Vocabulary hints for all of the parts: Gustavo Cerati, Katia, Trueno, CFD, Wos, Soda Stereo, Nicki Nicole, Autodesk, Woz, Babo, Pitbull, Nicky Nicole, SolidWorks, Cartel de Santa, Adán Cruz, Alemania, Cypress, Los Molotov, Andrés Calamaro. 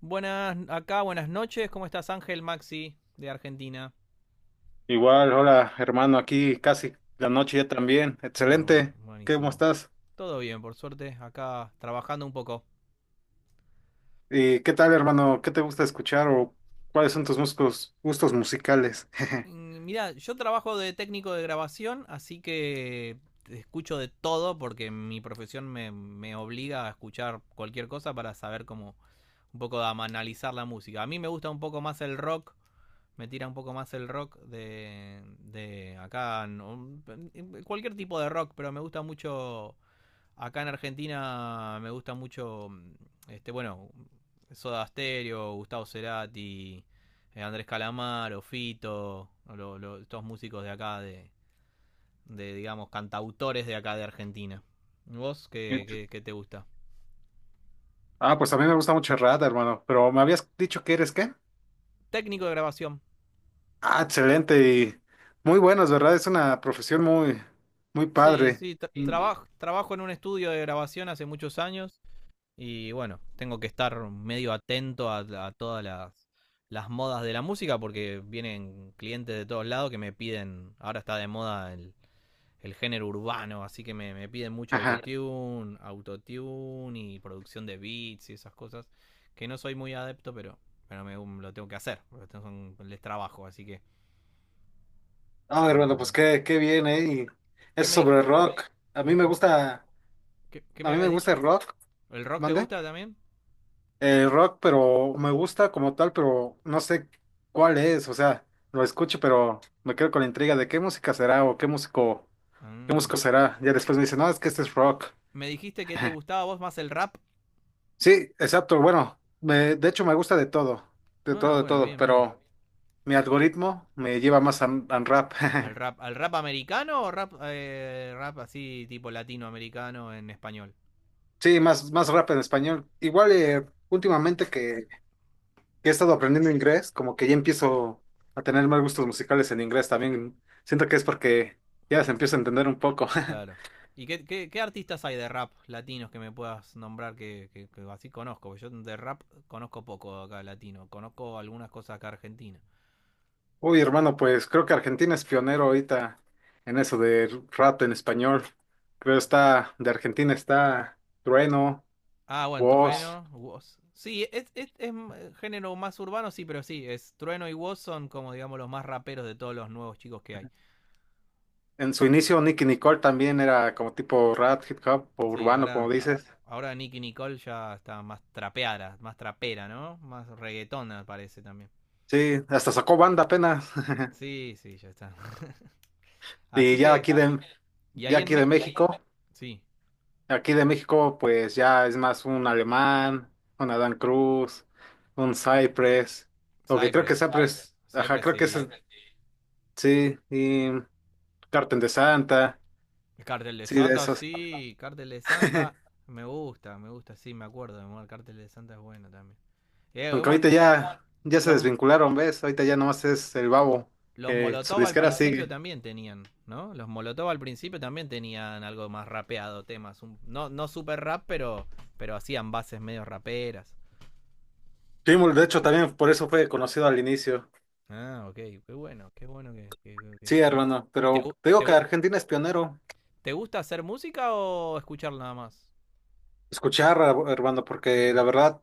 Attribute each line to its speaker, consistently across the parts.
Speaker 1: Buenas acá, buenas noches. ¿Cómo estás, Ángel Maxi de Argentina?
Speaker 2: Igual, hola hermano, aquí casi la noche ya también.
Speaker 1: Ah, bueno,
Speaker 2: Excelente, ¿cómo
Speaker 1: buenísimo.
Speaker 2: estás?
Speaker 1: Todo bien, por suerte, acá trabajando un poco.
Speaker 2: ¿Y qué tal hermano? ¿Qué te gusta escuchar o cuáles son tus gustos musicales?
Speaker 1: Mirá, yo trabajo de técnico de grabación, así que escucho de todo porque mi profesión me obliga a escuchar cualquier cosa para saber cómo un poco de analizar la música. A mí me gusta un poco más el rock, me tira un poco más el rock de acá, no, cualquier tipo de rock, pero me gusta mucho. Acá en Argentina me gusta mucho, bueno, Soda Stereo, Gustavo Cerati, Andrés Calamaro, Fito, estos músicos de acá, de, digamos, cantautores de acá de Argentina. ¿Vos qué, qué te gusta?
Speaker 2: Ah, pues a mí me gusta mucho el rap, hermano, pero me habías dicho que ¿eres qué?
Speaker 1: Técnico de grabación.
Speaker 2: Ah, excelente y muy buenos, ¿verdad? Es una profesión muy, muy
Speaker 1: Sí,
Speaker 2: padre.
Speaker 1: sí,
Speaker 2: Indie.
Speaker 1: trabajo en un estudio de grabación hace muchos años. Y bueno, tengo que estar medio atento a todas las modas de la música porque vienen clientes de todos lados que me piden, ahora está de moda el género urbano, así que me piden mucho
Speaker 2: Ajá.
Speaker 1: autotune, autotune y producción de beats y esas cosas, que no soy muy adepto, pero lo tengo que hacer, porque les trabajo, así que
Speaker 2: Ah,
Speaker 1: estamos
Speaker 2: hermano,
Speaker 1: con
Speaker 2: pues
Speaker 1: eso.
Speaker 2: qué bien, ¿eh? Y
Speaker 1: ¿Qué
Speaker 2: eso
Speaker 1: me dij-
Speaker 2: sobre el rock. A mí me
Speaker 1: mm, ¿Vos-
Speaker 2: gusta,
Speaker 1: qué, qué
Speaker 2: a
Speaker 1: me
Speaker 2: mí me
Speaker 1: habías
Speaker 2: gusta
Speaker 1: dicho?
Speaker 2: el rock,
Speaker 1: ¿El rock te
Speaker 2: ¿mande?
Speaker 1: gusta también?
Speaker 2: Rock, pero me gusta como tal, pero no sé cuál es, o sea, lo escucho, pero me quedo con la intriga de qué música será o qué músico, qué
Speaker 1: Mm.
Speaker 2: músico será. Ya después me dicen, no, es que este es rock.
Speaker 1: Me dijiste que te gustaba a vos más el rap.
Speaker 2: Sí, exacto, bueno, de hecho me gusta de todo, de
Speaker 1: Ah,
Speaker 2: todo, de
Speaker 1: bueno,
Speaker 2: todo,
Speaker 1: bien, bien.
Speaker 2: pero mi algoritmo me lleva más a, rap.
Speaker 1: Al rap americano o rap, rap así tipo latinoamericano en español?
Speaker 2: Sí, más, más rap en español. Igual últimamente que he estado aprendiendo inglés, como que ya empiezo a tener más gustos musicales en inglés también. Siento que es porque ya se empieza a entender un poco.
Speaker 1: Claro. ¿Y qué, qué, qué artistas hay de rap latinos que me puedas nombrar que, que así conozco? Porque yo de rap conozco poco acá latino. Conozco algunas cosas acá argentinas.
Speaker 2: Uy, hermano, pues creo que Argentina es pionero ahorita en eso de rap en español. De Argentina está Trueno,
Speaker 1: Ah, bueno,
Speaker 2: Wos.
Speaker 1: Trueno, Woz. Sí, es género más urbano, sí, pero sí, es Trueno y Woz son como digamos los más raperos de todos los nuevos chicos que hay.
Speaker 2: En su inicio, Nicki Nicole también era como tipo rap, hip hop o
Speaker 1: Sí,
Speaker 2: urbano, como
Speaker 1: ahora,
Speaker 2: dices.
Speaker 1: ahora Nicky Nicole ya está más trapeada, más trapera, ¿no? Más reggaetona parece también.
Speaker 2: Sí, hasta sacó banda apenas.
Speaker 1: Sí, sí, ya está.
Speaker 2: Y
Speaker 1: Así
Speaker 2: ya
Speaker 1: que,
Speaker 2: aquí de,
Speaker 1: y
Speaker 2: ya
Speaker 1: ahí en...
Speaker 2: aquí
Speaker 1: Me
Speaker 2: de México.
Speaker 1: sí,
Speaker 2: Aquí de México, pues ya es más un Alemán, un Adán Cruz, un Cypress. Lo que creo que
Speaker 1: Cypress.
Speaker 2: Cypress, ajá,
Speaker 1: Cypress
Speaker 2: creo que es,
Speaker 1: sí.
Speaker 2: sí, y Cartel de Santa,
Speaker 1: El cartel de
Speaker 2: sí, de
Speaker 1: Santa,
Speaker 2: esos.
Speaker 1: sí. Cartel de Santa, me gusta, sí, me acuerdo. El cartel de Santa es bueno también.
Speaker 2: Aunque
Speaker 1: Bueno,
Speaker 2: ahorita ya se
Speaker 1: los,
Speaker 2: desvincularon, ¿ves? Ahorita ya nomás es el Babo,
Speaker 1: Los
Speaker 2: que su
Speaker 1: Molotov al
Speaker 2: disquera
Speaker 1: principio
Speaker 2: sigue.
Speaker 1: también tenían, ¿no? Los Molotov al principio también tenían algo más rapeado, temas. No, no super rap, pero hacían bases medio raperas.
Speaker 2: Pitbull, de hecho, también por eso fue conocido al inicio.
Speaker 1: Ah, ok, qué bueno que...
Speaker 2: Sí,
Speaker 1: ¿Y,
Speaker 2: hermano,
Speaker 1: y te,
Speaker 2: pero te digo
Speaker 1: te,
Speaker 2: que Argentina es pionero.
Speaker 1: te gusta hacer música o escuchar nada más?
Speaker 2: Escuchar, hermano,
Speaker 1: Ok.
Speaker 2: porque la verdad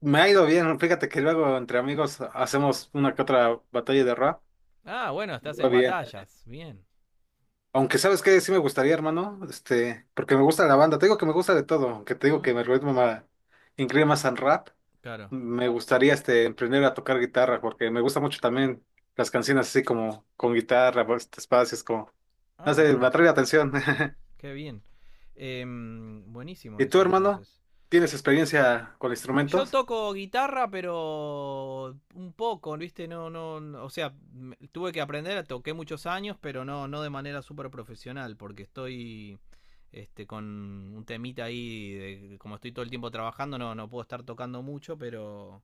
Speaker 2: me ha ido bien. Fíjate que luego entre amigos hacemos una que otra batalla de rap.
Speaker 1: Ah, bueno,
Speaker 2: me
Speaker 1: estás
Speaker 2: Va
Speaker 1: en
Speaker 2: bien.
Speaker 1: batallas, bien.
Speaker 2: Aunque sabes que sí me gustaría, hermano, porque me gusta la banda. Te digo que me gusta de todo, aunque te digo que
Speaker 1: Mm,
Speaker 2: me ritmo incline más al rap.
Speaker 1: claro.
Speaker 2: Me gustaría emprender a tocar guitarra, porque me gusta mucho también las canciones así como con guitarra, pues, espacios como, no
Speaker 1: Ah,
Speaker 2: sé, me
Speaker 1: bueno,
Speaker 2: atrae la atención.
Speaker 1: qué bien. Buenísimo
Speaker 2: ¿Y tú,
Speaker 1: eso
Speaker 2: hermano?
Speaker 1: entonces.
Speaker 2: ¿Tienes experiencia con
Speaker 1: Yo
Speaker 2: instrumentos?
Speaker 1: toco guitarra, pero un poco, ¿viste? No, no, o sea, tuve que aprender, toqué muchos años, pero no, no de manera súper profesional, porque estoy con un temita ahí, como estoy todo el tiempo trabajando, no, no puedo estar tocando mucho, pero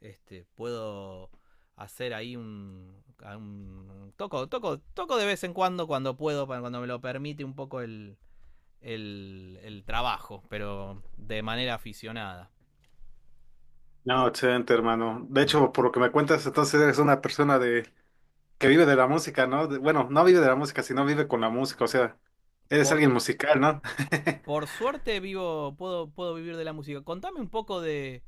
Speaker 1: puedo hacer ahí un, toco, toco, toco de vez en cuando, cuando puedo, cuando me lo permite un poco el trabajo, pero de manera aficionada.
Speaker 2: No, excelente, hermano. De
Speaker 1: Mm.
Speaker 2: hecho, por lo que me cuentas, entonces eres una persona de que vive de la música, ¿no? Bueno, no vive de la música, sino vive con la música, o sea, eres
Speaker 1: Por,
Speaker 2: alguien musical, ¿no?
Speaker 1: Por suerte vivo, puedo, puedo vivir de la música. Contame un poco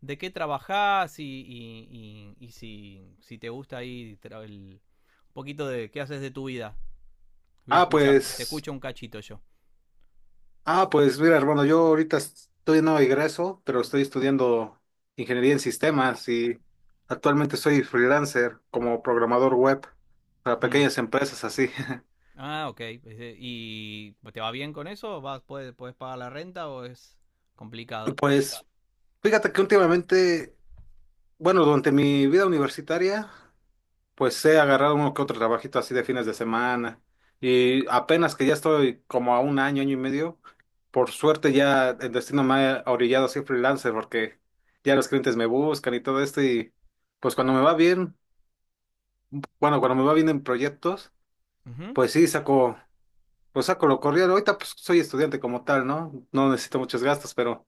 Speaker 1: de qué trabajás y, y si, si te gusta ahí el- un poquito de qué haces de tu vida. Voy a
Speaker 2: Ah,
Speaker 1: escucharte, te
Speaker 2: pues,
Speaker 1: escucho un cachito yo.
Speaker 2: ah, pues, mira, hermano, yo ahorita estoy no egreso, pero estoy estudiando ingeniería en sistemas y actualmente soy freelancer como programador web para
Speaker 1: Hmm.
Speaker 2: pequeñas empresas así.
Speaker 1: Ah, ok. ¿Y te va bien con eso? ¿Vas, puedes, puedes pagar la renta o es complicado?
Speaker 2: Pues, fíjate que últimamente, bueno, durante mi vida universitaria. Pues he agarrado uno que otro trabajito así de fines de semana y apenas que ya estoy como a un año, año y medio, por suerte ya el destino me ha orillado a ser freelancer porque ya los clientes me buscan y todo esto y pues cuando me va bien, bueno, cuando me va bien en proyectos,
Speaker 1: Ujú.
Speaker 2: pues sí saco, pues saco lo corrido. Ahorita pues soy estudiante como tal, ¿no? No necesito muchos gastos, pero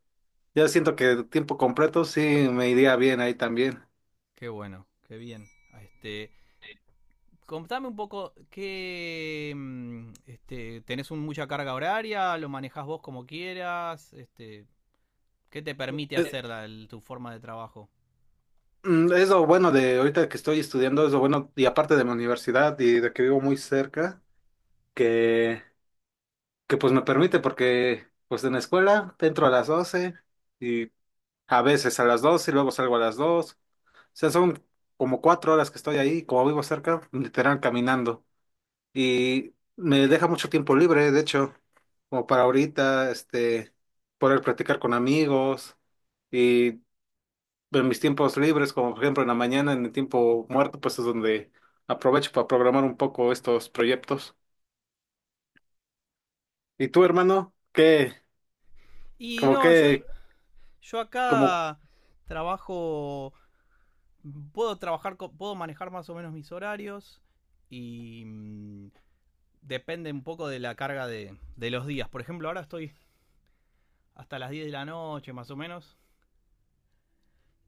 Speaker 2: ya siento que tiempo completo sí me iría bien ahí también.
Speaker 1: Qué bueno, qué bien. Este, Contame un poco qué este, mucha carga horaria, lo manejás vos como quieras, este, qué te permite
Speaker 2: Eh,
Speaker 1: hacer tu forma de trabajo.
Speaker 2: Es lo bueno de ahorita que estoy estudiando, es lo bueno, y aparte de mi universidad y de que vivo muy cerca, que, que pues me permite, porque pues en la escuela entro a las 12 y a veces a las 12 y luego salgo a las 2. O sea, son como cuatro horas que estoy ahí, como vivo cerca, literal caminando. Y me deja mucho tiempo libre, de hecho, como para ahorita, poder platicar con amigos. Y en mis tiempos libres, como por ejemplo en la mañana, en el tiempo muerto, pues es donde aprovecho para programar un poco estos proyectos. ¿Y tú, hermano? ¿Qué?
Speaker 1: Y
Speaker 2: Como
Speaker 1: no, yo,
Speaker 2: que,
Speaker 1: yo
Speaker 2: como
Speaker 1: acá trabajo, puedo trabajar, puedo manejar más o menos mis horarios y depende un poco de la carga de los días. Por ejemplo, ahora estoy hasta las 10 de la noche más o menos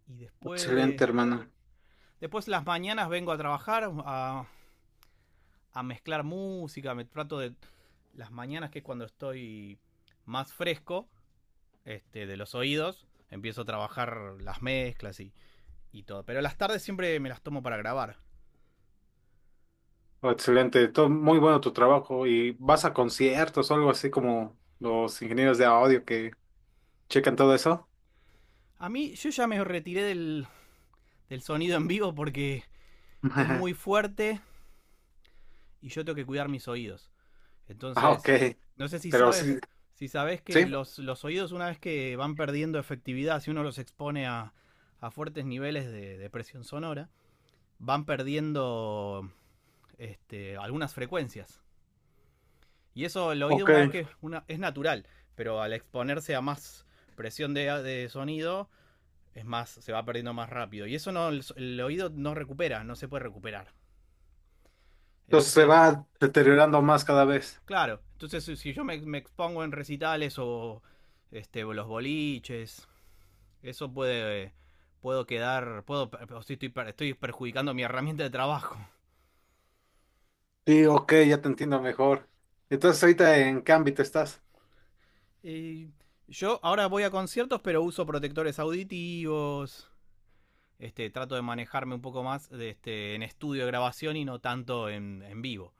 Speaker 1: y
Speaker 2: excelente,
Speaker 1: después,
Speaker 2: hermano.
Speaker 1: después las mañanas vengo a trabajar a mezclar música, me trato de las mañanas que es cuando estoy más fresco de los oídos, empiezo a trabajar las mezclas y todo. Pero las tardes siempre me las tomo para grabar.
Speaker 2: Excelente, todo muy bueno tu trabajo. ¿Y vas a conciertos o algo así como los ingenieros de audio que checan todo eso?
Speaker 1: A mí yo ya me retiré del, del sonido en vivo porque es muy fuerte y yo tengo que cuidar mis oídos.
Speaker 2: Ah, ok.
Speaker 1: Entonces, no sé si
Speaker 2: Pero sí,
Speaker 1: sabes, si sabes que
Speaker 2: sí,
Speaker 1: los oídos una vez que van perdiendo efectividad, si uno los expone a fuertes niveles de presión sonora, van perdiendo algunas frecuencias. Y eso el oído
Speaker 2: ok.
Speaker 1: una vez que una, es natural, pero al exponerse a más presión de sonido, es más, se va perdiendo más rápido. Y eso no, el, oído no recupera, no se puede recuperar.
Speaker 2: Entonces se
Speaker 1: Entonces,
Speaker 2: va deteriorando más cada vez.
Speaker 1: claro, entonces si si yo me, me expongo en recitales o los boliches, eso puede, puedo quedar, puedo, estoy, estoy perjudicando mi herramienta de trabajo.
Speaker 2: Sí, ok, ya te entiendo mejor. ¿Entonces ahorita en qué ámbito estás?
Speaker 1: Eh, yo ahora voy a conciertos, pero uso protectores auditivos. Este, trato de manejarme un poco más de este, en estudio de grabación y no tanto en vivo.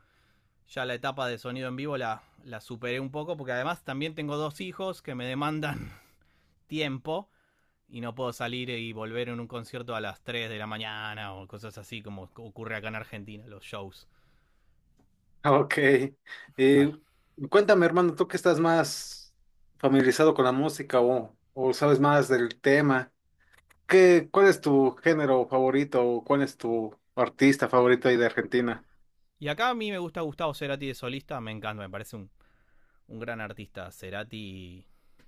Speaker 1: Ya la etapa de sonido en vivo la, la superé un poco porque además también tengo dos hijos que me demandan tiempo y no puedo salir y volver en un concierto a las 3 de la mañana o cosas así como ocurre acá en Argentina, los shows.
Speaker 2: Ah, ok. Eh, Cuéntame, hermano, tú que estás más familiarizado con la música o sabes más del tema, ¿ cuál es tu género favorito o cuál es tu artista favorito ahí de Argentina?
Speaker 1: Y acá a mí me gusta Gustavo Cerati de solista, me encanta, me parece un gran artista, Cerati,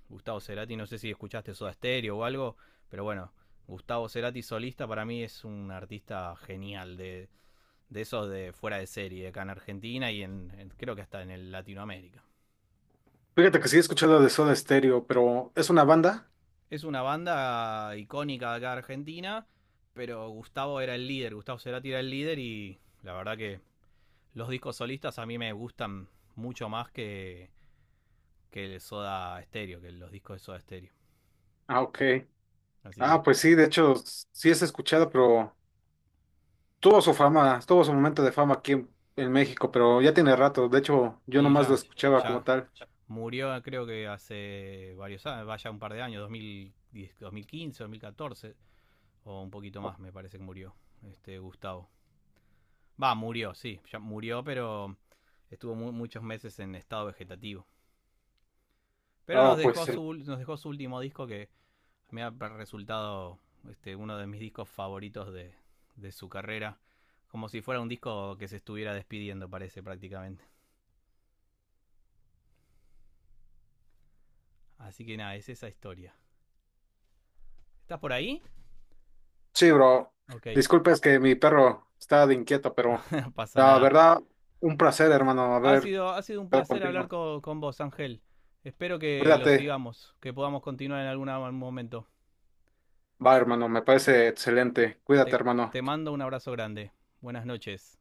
Speaker 1: Gustavo Cerati, no sé si escuchaste Soda Stereo o algo, pero bueno, Gustavo Cerati solista para mí es un artista genial, de esos de fuera de serie, acá en Argentina y en, creo que hasta en el Latinoamérica.
Speaker 2: Fíjate que sí he escuchado de Soda Stereo, pero ¿es una banda?
Speaker 1: Es una banda icónica de acá de Argentina, pero Gustavo era el líder, Gustavo Cerati era el líder y la verdad que los discos solistas a mí me gustan mucho más que el Soda Stereo, que los discos de Soda Stereo.
Speaker 2: Ah, ok.
Speaker 1: Así
Speaker 2: Ah,
Speaker 1: que,
Speaker 2: pues sí, de hecho, sí es escuchado, pero tuvo su fama, tuvo su momento de fama aquí en México, pero ya tiene rato. De hecho, yo
Speaker 1: y
Speaker 2: nomás lo
Speaker 1: ya,
Speaker 2: escuchaba como
Speaker 1: ya,
Speaker 2: tal.
Speaker 1: Murió ah, creo que hace varios años, vaya un par de años, 2010, 2015, 2014 o un poquito más me parece que murió este Gustavo. Va, murió, sí, ya murió, pero estuvo muchos meses en estado vegetativo. Pero
Speaker 2: Ah, pues.
Speaker 1: nos dejó su último disco que me ha resultado uno de mis discos favoritos de su carrera. Como si fuera un disco que se estuviera despidiendo, parece prácticamente. Así que nada, es esa historia. ¿Estás por ahí?
Speaker 2: Sí, bro.
Speaker 1: Ok,
Speaker 2: Disculpa, es que mi perro está de inquieto, pero
Speaker 1: no pasa
Speaker 2: la
Speaker 1: nada.
Speaker 2: verdad, un placer, hermano, haber
Speaker 1: Ha sido un
Speaker 2: estado
Speaker 1: placer hablar
Speaker 2: contigo.
Speaker 1: con vos, Ángel. Espero que lo
Speaker 2: Cuídate.
Speaker 1: sigamos, que podamos continuar en algún momento.
Speaker 2: Va, hermano, me parece excelente. Cuídate,
Speaker 1: Te,
Speaker 2: hermano.
Speaker 1: te mando un abrazo grande. Buenas noches.